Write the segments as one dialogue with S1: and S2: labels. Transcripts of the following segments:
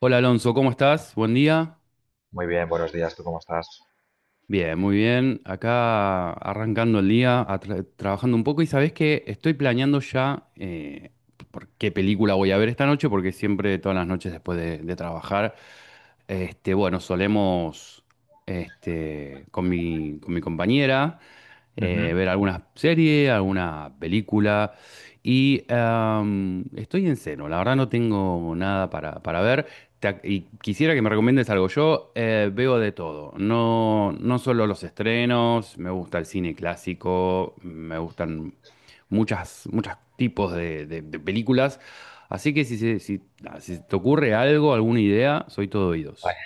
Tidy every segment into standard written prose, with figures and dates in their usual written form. S1: Hola Alonso, ¿cómo estás? Buen día.
S2: Muy bien, buenos días, ¿tú cómo estás?
S1: Bien, muy bien. Acá arrancando el día, trabajando un poco y sabés que estoy planeando ya por qué película voy a ver esta noche, porque siempre todas las noches después de trabajar, bueno, solemos, con mi compañera,
S2: Ujú.
S1: ver alguna serie, alguna película. Y estoy en cero, la verdad no tengo nada para ver. Y quisiera que me recomiendes algo. Yo veo de todo, no, no solo los estrenos, me gusta el cine clásico, me gustan muchos tipos de películas. Así que si, si te ocurre algo, alguna idea, soy todo oídos.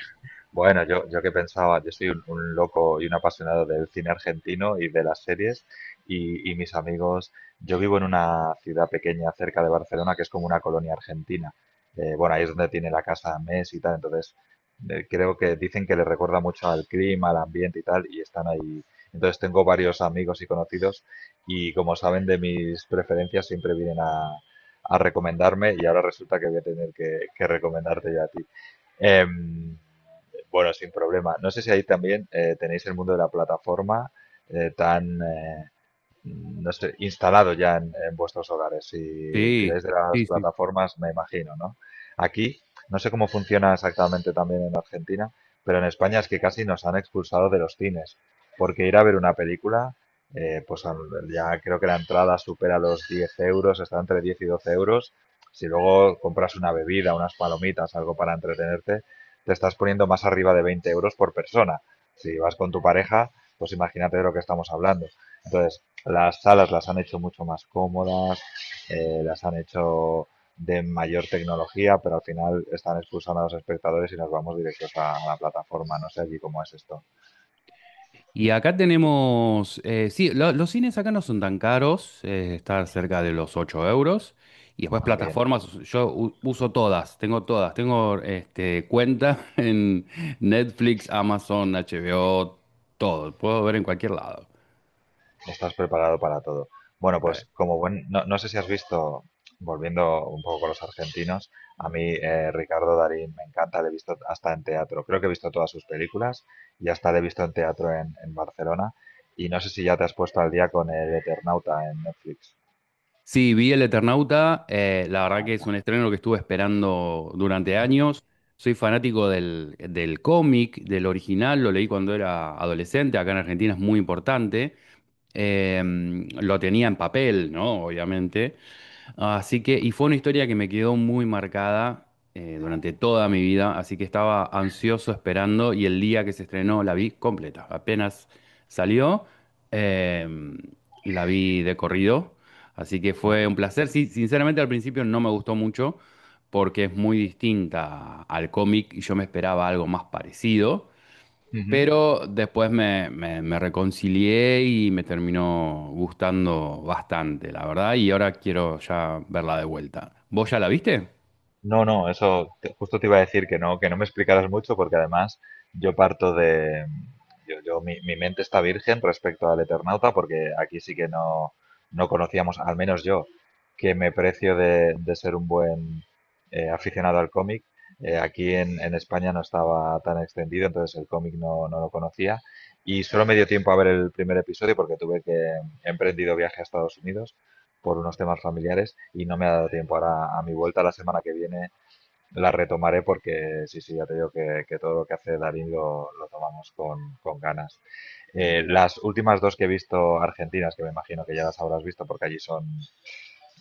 S2: Bueno, yo que pensaba, yo soy un loco y un apasionado del cine argentino y de las series y mis amigos, yo vivo en una ciudad pequeña cerca de Barcelona que es como una colonia argentina. Bueno, ahí es donde tiene la casa Messi y tal, entonces creo que dicen que le recuerda mucho al clima, al ambiente y tal, y están ahí. Entonces tengo varios amigos y conocidos y como saben de mis preferencias siempre vienen a recomendarme y ahora resulta que voy a tener que recomendarte yo a ti. Em, bueno, sin problema. No sé si ahí también tenéis el mundo de la plataforma eh, tan, eh, no sé, instalado ya en vuestros hogares. Si
S1: Sí,
S2: tiráis de las
S1: sí, sí.
S2: plataformas, me imagino, ¿no? Aquí, no sé cómo funciona exactamente también en Argentina, pero en España es que casi nos han expulsado de los cines, porque ir a ver una película, pues ya creo que la entrada supera los 10 euros, está entre 10 y 12 euros. Si luego compras una bebida, unas palomitas, algo para entretenerte, te estás poniendo más arriba de 20 euros por persona. Si vas con tu pareja, pues imagínate de lo que estamos hablando. Entonces, las salas las han hecho mucho más cómodas, las han hecho de mayor tecnología, pero al final están expulsando a los espectadores y nos vamos directos a la plataforma. No sé allí cómo es esto.
S1: Y acá tenemos, sí, los cines acá no son tan caros, está cerca de los 8 euros. Y después
S2: Ah, bien,
S1: plataformas, yo uso todas, tengo este, cuenta en Netflix, Amazon, HBO, todo, puedo ver en cualquier lado.
S2: estás preparado para todo. Bueno, pues como buen, no, no sé si has visto, volviendo un poco con los argentinos, a mí Ricardo Darín me encanta, le he visto hasta en teatro, creo que he visto todas sus películas y hasta le he visto en teatro en, Barcelona y no sé si ya te has puesto al día con el Eternauta en Netflix.
S1: Sí, vi El Eternauta. La verdad que es
S2: Vaya.
S1: un estreno que estuve esperando durante años. Soy fanático del cómic, del original. Lo leí cuando era adolescente. Acá en Argentina es muy importante. Eh, lo tenía en papel, ¿no? Obviamente. Así que, y fue una historia que me quedó muy marcada, durante toda mi vida, así que estaba ansioso esperando y el día que se estrenó la vi completa. Apenas salió, eh, la vi de corrido, así que fue
S2: Vale.
S1: un placer. Sí, sinceramente al principio no me gustó mucho porque es muy distinta al cómic y yo me esperaba algo más parecido.
S2: Ujú.
S1: Pero después me reconcilié y me terminó gustando bastante, la verdad, y ahora quiero ya verla de vuelta. ¿Vos ya la viste?
S2: No, no, justo te iba a decir que no me explicaras mucho porque además yo parto de, yo- mi mente está virgen respecto al Eternauta porque aquí sí que no conocíamos, al menos yo, que me precio de ser un buen aficionado al cómic. Aquí en España no estaba tan extendido, entonces el cómic no lo conocía y solo me dio tiempo a ver el primer episodio porque tuve que he emprendido viaje a Estados Unidos por unos temas familiares y no me ha dado tiempo. Ahora, a mi vuelta la semana que viene, la retomaré porque sí, sí, ya te digo que todo lo que hace Darín lo tomamos con ganas. Las últimas dos que he visto argentinas, que me imagino que ya las habrás visto porque allí son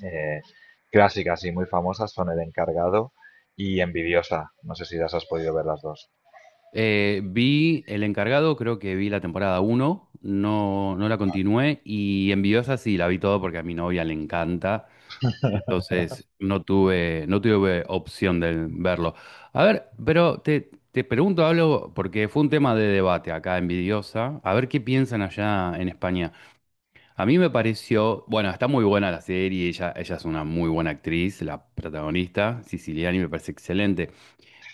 S2: eh, clásicas y muy famosas, son El Encargado y Envidiosa. No sé si las has podido ver las dos.
S1: Vi El Encargado, creo que vi la temporada uno, no, no la continué, y Envidiosa sí, la vi todo porque a mi novia le encanta, entonces no tuve opción de verlo. A ver, pero te pregunto algo, porque fue un tema de debate acá, Envidiosa, a ver qué piensan allá en España. A mí me pareció, bueno, está muy buena la serie, ella es una muy buena actriz, la protagonista, Siciliani, me parece excelente,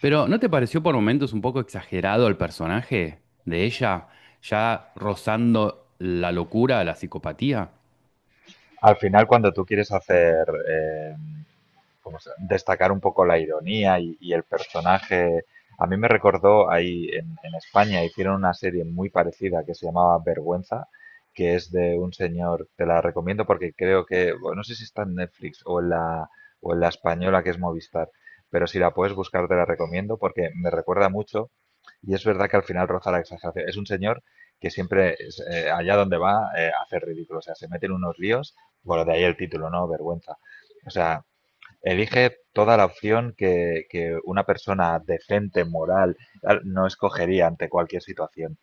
S1: pero ¿no te pareció por momentos un poco exagerado el personaje de ella, ya rozando la locura, la psicopatía?
S2: Al final, cuando tú quieres hacer pues, destacar un poco la ironía y el personaje. A mí me recordó ahí en, España, hicieron una serie muy parecida que se llamaba Vergüenza, que es de un señor, te la recomiendo porque creo que, bueno, no sé si está en Netflix o en la española que es Movistar, pero si la puedes buscar te la recomiendo porque me recuerda mucho y es verdad que al final roza la exageración. Es un señor que siempre, allá donde va, hace ridículo, o sea, se mete en unos líos, bueno, de ahí el título, ¿no? Vergüenza. O sea, elige toda la opción que una persona decente, moral, tal, no escogería ante cualquier situación.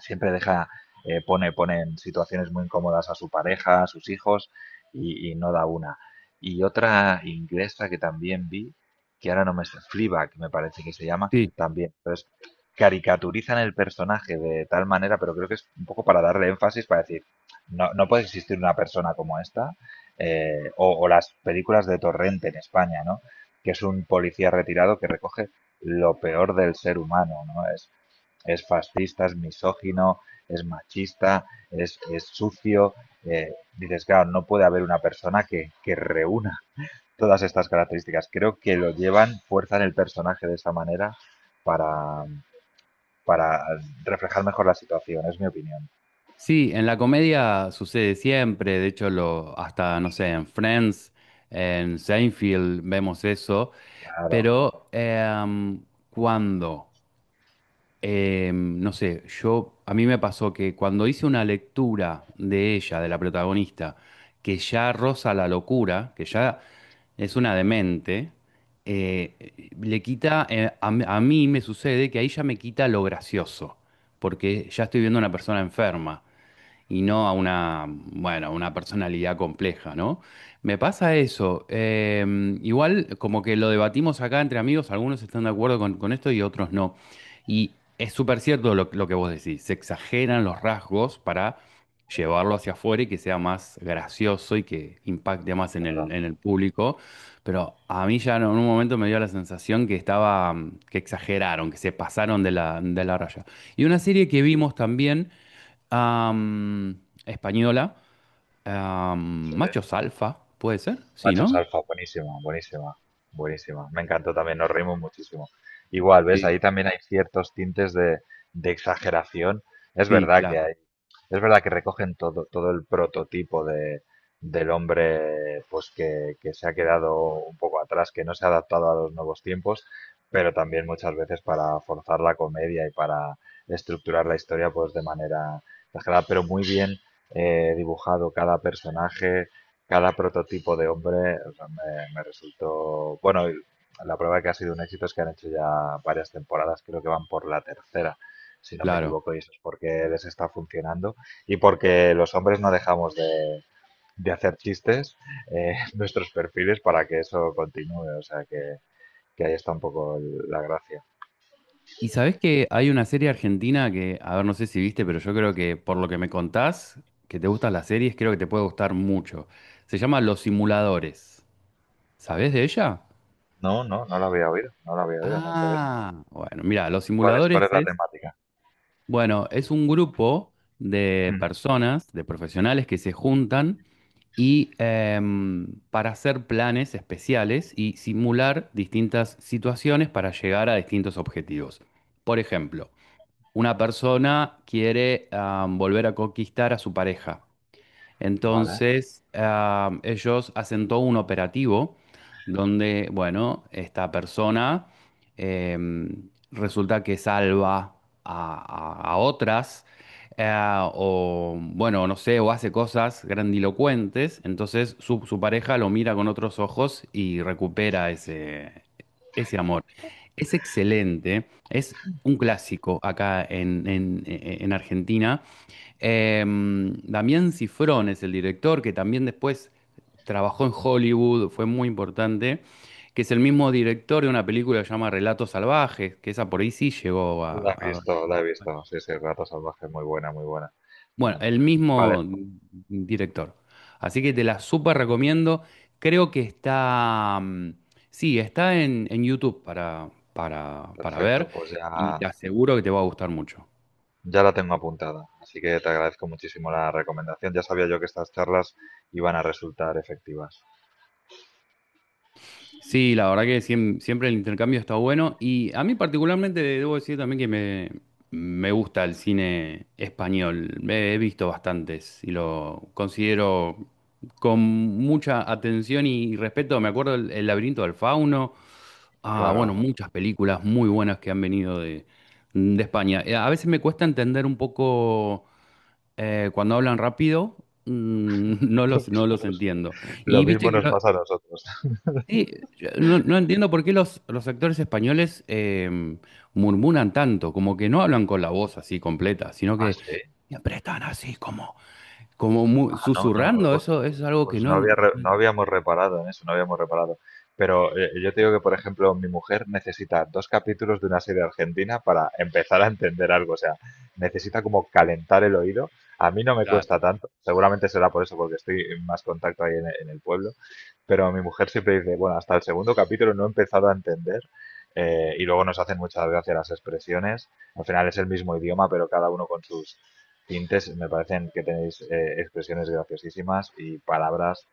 S2: Siempre deja, eh, pone, pone en situaciones muy incómodas a su pareja, a sus hijos y no da una. Y otra inglesa que también vi, que ahora no me está, Fleabag me parece que se llama,
S1: Sí.
S2: también. Entonces, caricaturizan el personaje de tal manera, pero creo que es un poco para darle énfasis, para decir, no, puede existir una persona como esta, o las películas de Torrente en España, ¿no? Que es un policía retirado que recoge lo peor del ser humano, ¿no? Es fascista, es misógino, es machista, es sucio. Dices, claro, no puede haber una persona que reúna todas estas características. Creo que fuerzan el personaje de esa manera para, para reflejar mejor la situación, es mi opinión.
S1: Sí, en la comedia sucede siempre, de hecho lo, hasta, no sé, en Friends, en Seinfeld vemos eso,
S2: Claro,
S1: pero ¿cuándo? No sé, yo a mí me pasó que cuando hice una lectura de ella, de la protagonista, que ya roza la locura, que ya es una demente, le quita, a, m- a mí me sucede que ahí ya me quita lo gracioso, porque ya estoy viendo a una persona enferma y no a una, bueno, a una personalidad compleja, ¿no? Me pasa eso. Igual, como que lo debatimos acá entre amigos, algunos están de acuerdo con esto y otros no. Y es súper cierto lo que vos decís, se exageran los rasgos para llevarlo hacia afuera y que sea más gracioso y que impacte más en
S2: claro.
S1: en el público. Pero a mí ya en un momento me dio la sensación que estaba, que exageraron, que se pasaron de de la raya. Y una serie que vimos también, española.
S2: Sí,
S1: Machos alfa, ¿puede ser? Sí,
S2: Machos
S1: ¿no?
S2: Alfa, buenísima, buenísima, buenísima. Me encantó también, nos reímos muchísimo. Igual, ¿ves?
S1: Sí,
S2: Ahí también hay ciertos tintes de exageración. Es
S1: sí,
S2: verdad que
S1: claro.
S2: hay, es verdad que recogen todo el prototipo del hombre pues que se ha quedado un poco atrás, que no se ha adaptado a los nuevos tiempos, pero también muchas veces para forzar la comedia y para estructurar la historia pues de manera exagerada, pero muy bien dibujado cada personaje, cada prototipo de hombre, o sea, me resultó. Bueno, y la prueba que ha sido un éxito es que han hecho ya varias temporadas, creo que van por la tercera, si no me
S1: Claro.
S2: equivoco, y eso es porque les está funcionando y porque los hombres no dejamos de hacer chistes en nuestros perfiles para que eso continúe, o sea que ahí está un poco la gracia.
S1: Y sabés que hay una serie argentina que, a ver, no sé si viste, pero yo creo que por lo que me contás, que te gustan las series, creo que te puede gustar mucho. Se llama Los Simuladores. ¿Sabés de ella?
S2: No, no, no lo había oído, no lo había oído, me interesa.
S1: Ah, bueno, mira, Los
S2: ¿Cuál es,
S1: Simuladores
S2: cuál es la
S1: es,
S2: temática?
S1: bueno, es un grupo de
S2: Ujú.
S1: personas, de profesionales que se juntan y para hacer planes especiales y simular distintas situaciones para llegar a distintos objetivos. Por ejemplo, una persona quiere, volver a conquistar a su pareja.
S2: Vale.
S1: Entonces, ah, ellos hacen todo un operativo donde, bueno, esta persona, eh, resulta que salva a, a otras, eh, o bueno, no sé, o hace cosas grandilocuentes. Entonces, su pareja lo mira con otros ojos y recupera ese, ese amor. Es excelente, es un clásico acá en Argentina. Em, Damián Cifrón es el director, que también después trabajó en Hollywood, fue muy importante, que es el mismo director de una película que se llama Relatos Salvajes, que esa por ahí sí llegó
S2: La he
S1: a-
S2: visto, la he visto. Sí, sí, Rato Salvaje, muy buena, muy buena. Me
S1: bueno,
S2: encantó.
S1: el
S2: Vale,
S1: mismo director. Así que te la súper recomiendo. Creo que está... mm, sí, está en YouTube para ver
S2: perfecto. Pues
S1: y te
S2: ya,
S1: aseguro que te va a gustar mucho.
S2: ya la tengo apuntada. Así que te agradezco muchísimo la recomendación. Ya sabía yo que estas charlas iban a resultar efectivas.
S1: Sí, la verdad que siempre el intercambio está bueno y a mí particularmente debo decir también que me gusta el cine español. He visto bastantes y lo considero con mucha atención y respeto. Me acuerdo el laberinto del fauno. Ah, bueno,
S2: Claro,
S1: muchas películas muy buenas que han venido de España. A veces me cuesta entender un poco, cuando hablan rápido, mm,
S2: lo
S1: no
S2: mismo
S1: los
S2: nos,
S1: entiendo. Y
S2: lo
S1: viste
S2: mismo
S1: que
S2: nos
S1: lo-
S2: pasa a nosotros.
S1: Sí, yo no, no entiendo por qué los actores españoles, murmuran tanto, como que no hablan con la voz así completa, sino
S2: Ah,
S1: que
S2: sí.
S1: siempre están así como, como
S2: Ah, no, no.
S1: susurrando, eso es algo que
S2: Pues
S1: no...
S2: no habíamos reparado en eso, no habíamos reparado. Pero yo te digo que, por ejemplo, mi mujer necesita dos capítulos de una serie argentina para empezar a entender algo. O sea, necesita como calentar el oído. A mí no me
S1: Claro.
S2: cuesta tanto. Seguramente será por eso, porque estoy en más contacto ahí en, el pueblo. Pero mi mujer siempre dice, bueno, hasta el segundo capítulo no he empezado a entender. Y luego nos hacen mucha gracia las expresiones. Al final es el mismo idioma, pero cada uno con sus tintes, me parecen que tenéis expresiones graciosísimas y palabras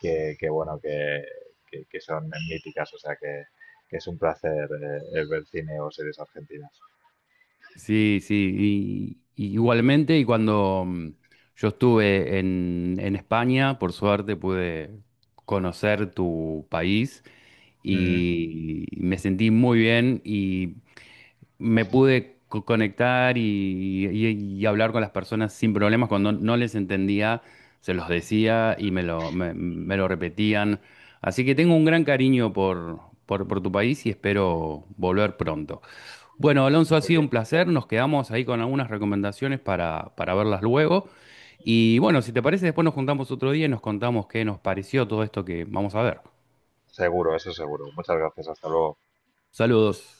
S2: que, que bueno, que, que son míticas, o sea que es un placer ver cine o series argentinas.
S1: Sí, sí, y igualmente, y cuando mm, yo estuve en España, por suerte pude conocer tu país
S2: Ujú.
S1: y me sentí muy bien y me pude conectar y hablar con las personas sin problemas. Cuando no les entendía, se los decía y me lo, me lo repetían. Así que tengo un gran cariño por tu país y espero volver pronto. Bueno, Alonso, ha
S2: Muy
S1: sido un
S2: bien.
S1: placer. Nos quedamos ahí con algunas recomendaciones para verlas luego. Y bueno, si te parece, después nos juntamos otro día y nos contamos qué nos pareció todo esto que vamos a ver.
S2: Seguro, eso seguro. Muchas gracias, hasta luego.
S1: Saludos.